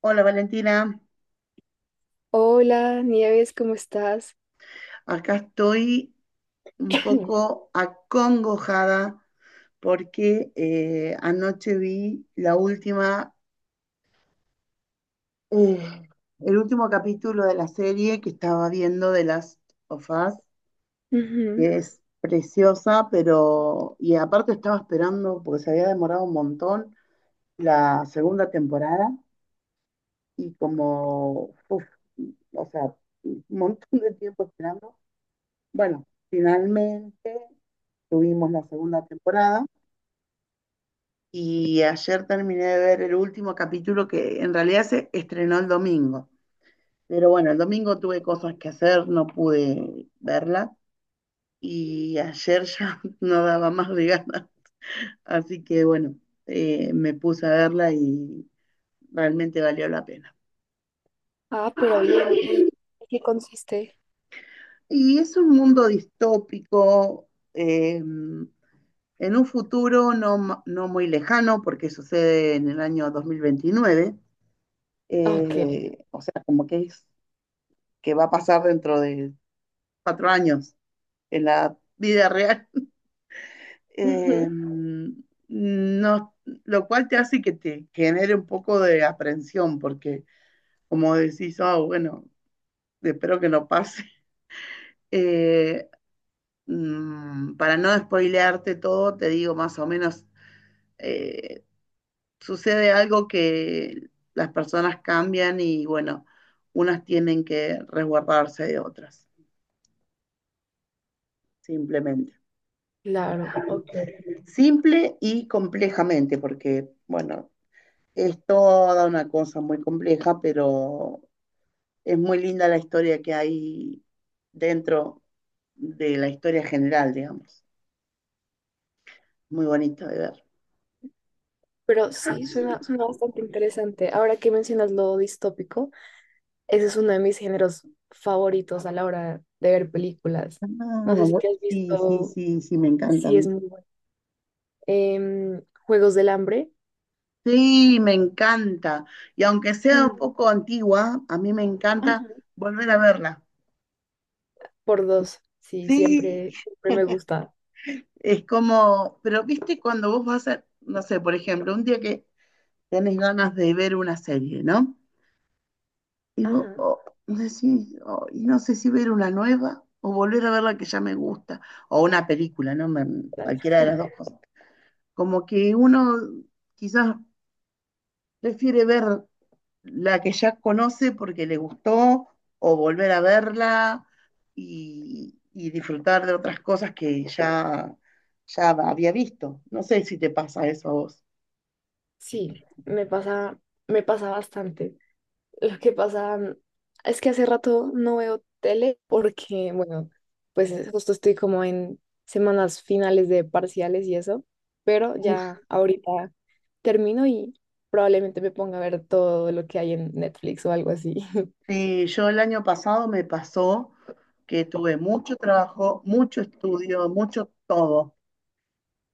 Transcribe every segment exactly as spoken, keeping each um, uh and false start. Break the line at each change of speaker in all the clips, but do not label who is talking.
Hola Valentina,
Hola, Nieves, ¿cómo estás?
acá estoy un poco acongojada porque eh, anoche vi la última, eh, el último capítulo de la serie que estaba Last of Us,
Ujú.
que es preciosa, pero y aparte estaba esperando porque se había demorado un montón la segunda temporada y como, uf, o sea, un montón de tiempo esperando. Bueno, finalmente tuvimos la segunda temporada y ayer terminé de ver el último capítulo que en realidad se estrenó el domingo. Pero bueno, el domingo tuve cosas que hacer, no pude verla y ayer ya no daba más de ganas. Así que bueno, eh, me puse a verla y realmente valió la pena.
Ah, pero bien, ¿y en qué consiste?
Y es un mundo distópico, eh, en un futuro no, ma- no muy lejano, porque sucede en el año dos mil veintinueve.
Ok,
Eh, o sea, como que es que va a pasar dentro de cuatro años en la vida real. Eh,
ujú,
no, lo cual te hace que te genere un poco de aprensión, porque como decís, oh, bueno, espero que no pase. Eh, mm, para no spoilearte todo, te digo más o menos, eh, sucede algo que las personas cambian y bueno, unas tienen que resguardarse de otras, simplemente.
claro, ok.
Simple y complejamente, porque, bueno, es toda una cosa muy compleja, pero es muy linda la historia que hay dentro de la historia general, digamos. Muy bonita de ver.
Pero sí, suena, suena bastante interesante. Ahora que mencionas lo distópico, ese es uno de mis géneros favoritos a la hora de ver películas.
Ah,
No sé si
bu-
te has
sí, sí,
visto,
sí, sí, me encanta a
sí es
mí.
muy bueno. Em, Juegos del Hambre.
Sí, me encanta. Y aunque sea un
Mm.
poco antigua, a mí me encanta
Ajá.
volver a verla.
Por dos, sí,
Sí,
siempre, siempre me gusta.
es como, pero viste cuando vos vas a, no sé, por ejemplo, un día que tenés ganas de ver una serie, ¿no? Y vos
Ajá.
oh, decís, oh, y no sé si ver una nueva o volver a ver la que ya me gusta, o una película, ¿no? Me- cualquiera de las dos cosas. Como que uno quizás prefiere ver la que ya conoce porque le gustó, o volver a verla y, y disfrutar de otras cosas que ya, ya había visto. No sé si te pasa eso a vos.
Sí, me pasa, me pasa bastante. Lo que pasa mm, es que hace rato no veo tele porque, bueno, pues eh, justo estoy como en semanas finales de parciales y eso, pero
Uf,
ya ahorita termino y probablemente me ponga a ver todo lo que hay en Netflix o algo así.
sí, yo el año pasado me pasó que tuve mucho trabajo, mucho estudio, mucho todo.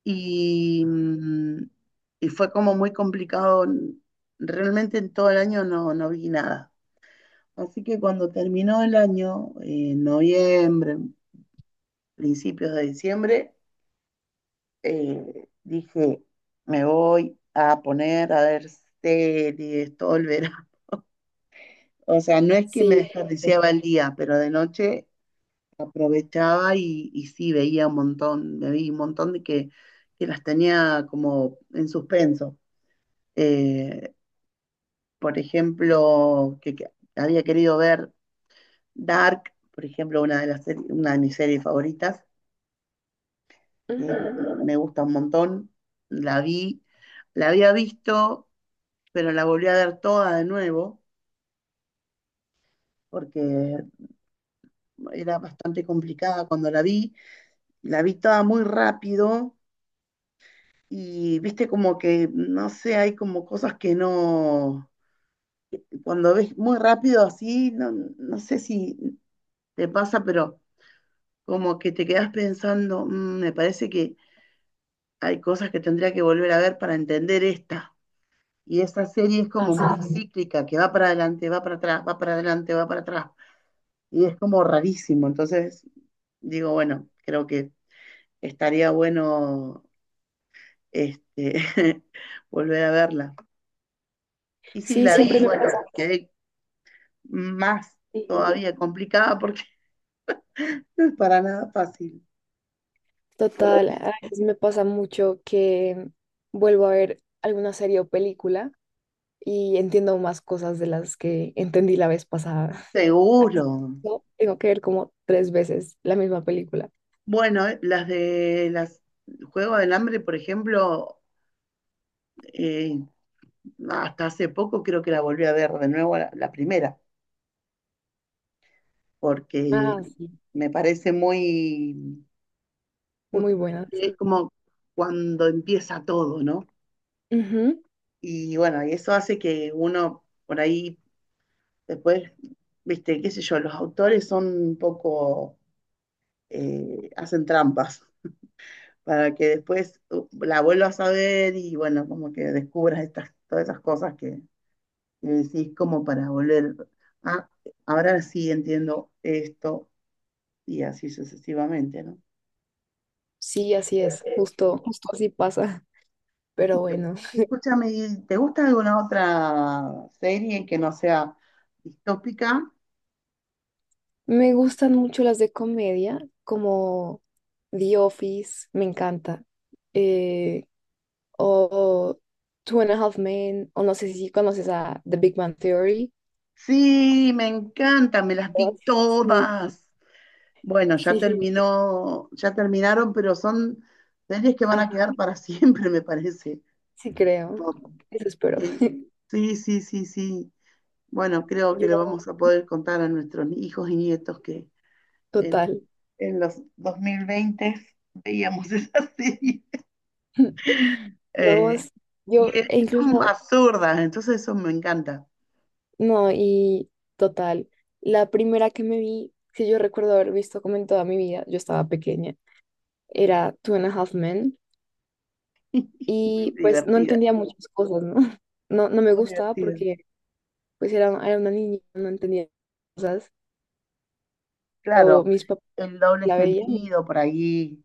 Y, mm, y fue como muy complicado. Realmente en todo el año no, no vi nada. Así que cuando terminó el año, en noviembre, principios de diciembre, eh, dije, me voy a poner a ver series todo el verano. O sea, no es que me
Sí, sí.
desperdiciaba el día, pero de noche aprovechaba y, y sí veía un montón, me vi un montón de que, que las tenía como en suspenso. Eh, por ejemplo, que, que había querido ver Dark, por ejemplo, una de las seri- una de mis series favoritas, que
Ujú.
me gusta un montón, la vi, la había visto, pero la volví a ver toda de nuevo, porque era bastante complicada. Cuando la vi, la vi toda muy rápido y viste como que, no sé, hay como cosas que no, cuando ves muy rápido así, no, no sé si te pasa, pero como que te quedas pensando, "Mm, me parece que hay cosas que tendría que volver a ver para entender esta". Y esa serie es
Ah,
como
sí.
muy cíclica, que va para adelante, va para atrás, va para adelante, va para atrás. Y es como rarísimo. Entonces, digo, bueno, creo que estaría bueno este, volver a verla. Y sí,
Sí,
la
siempre
vi,
me
bueno,
pasa.
quedé más
Sí,
todavía complicada porque no es para nada fácil.
total, a veces me pasa mucho que vuelvo a ver alguna serie o película y entiendo más cosas de las que entendí la vez pasada.
Seguro.
No, tengo que ver como tres veces la misma película.
Bueno, eh, las de las Juego del Hambre, por ejemplo, eh, hasta hace poco creo que la volví a ver de nuevo la, la primera, porque
Ah, sí.
me parece muy,
Muy buena,
justamente es
sí.
como cuando empieza todo, ¿no?
Ujú.
Y bueno, y eso hace que uno por ahí después, viste, qué sé yo, los autores son un poco, eh, hacen trampas para que después uh, la vuelvas a ver y bueno, como que descubras estas, todas esas cosas que, que decís como para volver, ah, ahora sí entiendo esto y así sucesivamente, ¿no?
Sí, así es. Justo, justo así pasa. Pero
Y yo-
bueno,
Escúchame, ¿y ¿te gusta alguna otra serie que no sea distópica?
me gustan mucho las de comedia, como The Office, me encanta. Eh, o Two and a Half Men, o no sé si conoces a The Big Bang Theory.
Sí, me encanta, me las vi
Todas son muy-
todas. Bueno, ya
Sí, sí.
terminó, ya terminaron, pero son series que van a quedar para siempre, me parece.
Sí, creo. Eso espero.
que- sí, sí, sí, sí. Bueno, creo que le
Yo,
vamos a poder contar a nuestros hijos y nietos que en,
total.
en los dos mil veinte veíamos esa serie.
No,
Eh,
sí,
y
yo,
es-
e
son
incluso,
absurdas, entonces eso me encanta.
no, y total. La primera que me vi, que yo recuerdo haber visto como en toda mi vida, yo estaba pequeña, era Two and a Half Men.
Muy
Y pues no
divertida,
entendía muchas cosas, ¿no? No, no me
muy
gustaba
divertida.
porque pues era, era una niña, no entendía cosas, pero
Claro,
mis papás
el doble
la veían, y-
sentido por ahí.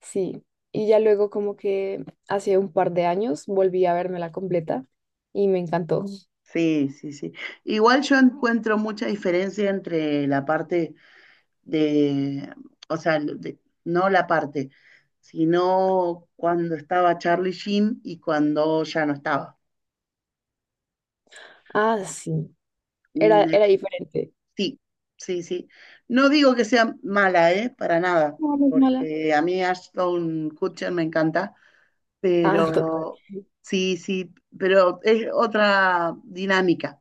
sí. Y ya luego como que hace un par de años volví a verme la completa y me encantó.
Sí, sí, sí. Igual yo encuentro mucha diferencia entre la parte de, o sea, de- no la parte, sino cuando estaba Charlie Sheen y cuando ya no estaba.
Ah, sí, era,
Mm, eh,
era diferente.
Sí, sí, sí. No digo que sea mala, ¿eh? Para nada,
No, no es mala.
porque a mí Ashton Kutcher me encanta,
Ah, total.
pero sí, sí, pero es otra dinámica.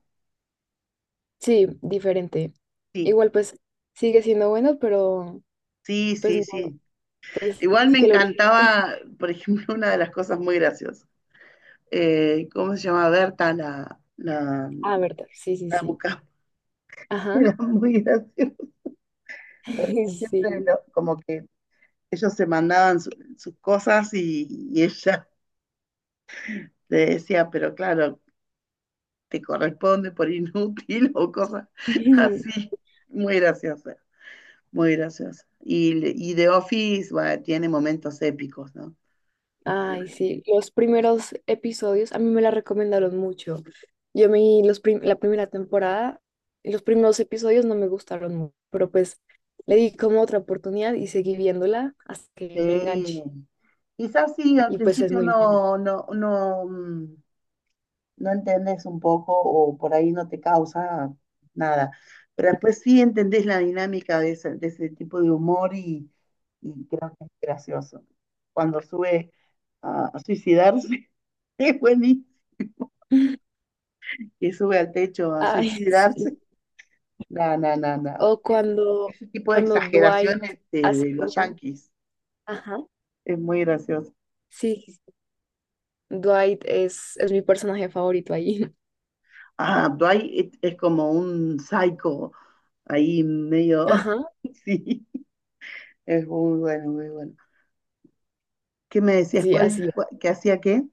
Sí, diferente.
Sí,
Igual pues sigue siendo bueno, pero
sí,
pues
sí,
no,
sí.
pues
Igual
es
me
que el original.
encantaba, por ejemplo, una de las cosas muy graciosas. eh, ¿cómo se llama? Berta, la, la
Ah, verdad, sí, sí,
la
sí.
Bucaramanga,
Ajá,
era muy gracioso, porque siempre
sí.
lo- como que ellos se mandaban su- sus cosas y, y ella le decía, pero claro, te corresponde por inútil o cosas así. Muy graciosa, muy graciosa. Y, le- y The Office, bueno, tiene momentos épicos, ¿no?
Ay, sí, los primeros episodios a mí me la recomendaron mucho. Yo me los prim- la primera temporada, los primeros episodios no me gustaron mucho, pero pues le di como otra oportunidad y seguí viéndola hasta que me enganché
Sí, quizás sí, al
y pues es
principio
muy buena.
no, no, no, mm, no entendés un poco o por ahí no te causa nada. Pero después sí entendés la dinámica de ese, de ese tipo de humor y, y creo que es gracioso. Cuando sube a, a suicidarse, es buenísimo. Que sube al techo a
Ay, sí.
suicidarse. No, no, no, no.
O cuando,
Ese tipo de
cuando Dwight
exageraciones de,
hace
de los
como,
yanquis
ajá,
es muy gracioso.
sí, Dwight es, es mi personaje favorito ahí.
Ah, Dwight es es como un psycho ahí medio.
Ajá,
Sí, es muy bueno, muy bueno. ¿Qué me decías?
sí, así.
¿Cuál,
Es.
cuál- ¿qué hacía qué?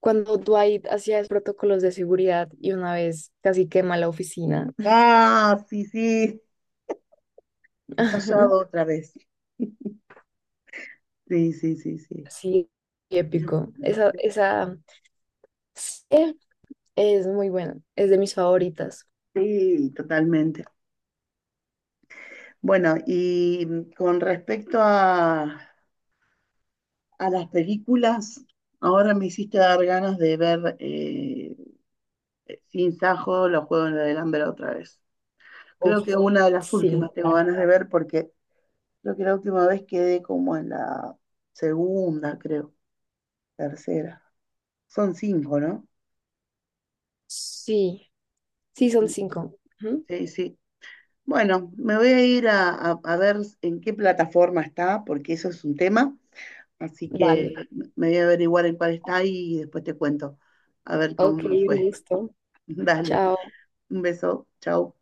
Cuando Dwight hacía los protocolos de seguridad y una vez casi quema la oficina.
Ah, sí, sí, ha
Ajá,
fallado otra vez. Sí, sí, sí, sí.
sí, épico. Esa, esa serie es muy buena, es de mis favoritas.
Sí, totalmente. Bueno, y con respecto a, a las películas, ahora me hiciste dar ganas de ver eh, Sin Sajo, los Juegos del Hambre otra vez.
Uf,
Creo que una de las
sí,
últimas tengo ganas de ver porque creo que la última vez quedé como en la segunda, creo, tercera. Son cinco, ¿no?
sí, sí, son cinco. Ujú,
Sí, sí. Bueno, me voy a ir a, a- a ver en qué plataforma está, porque eso es un tema, así que
dale.
me voy a averiguar en cuál está y después te cuento, a ver cómo
Ok,
me
un
fue.
gusto.
Dale,
Chao.
un beso, chao.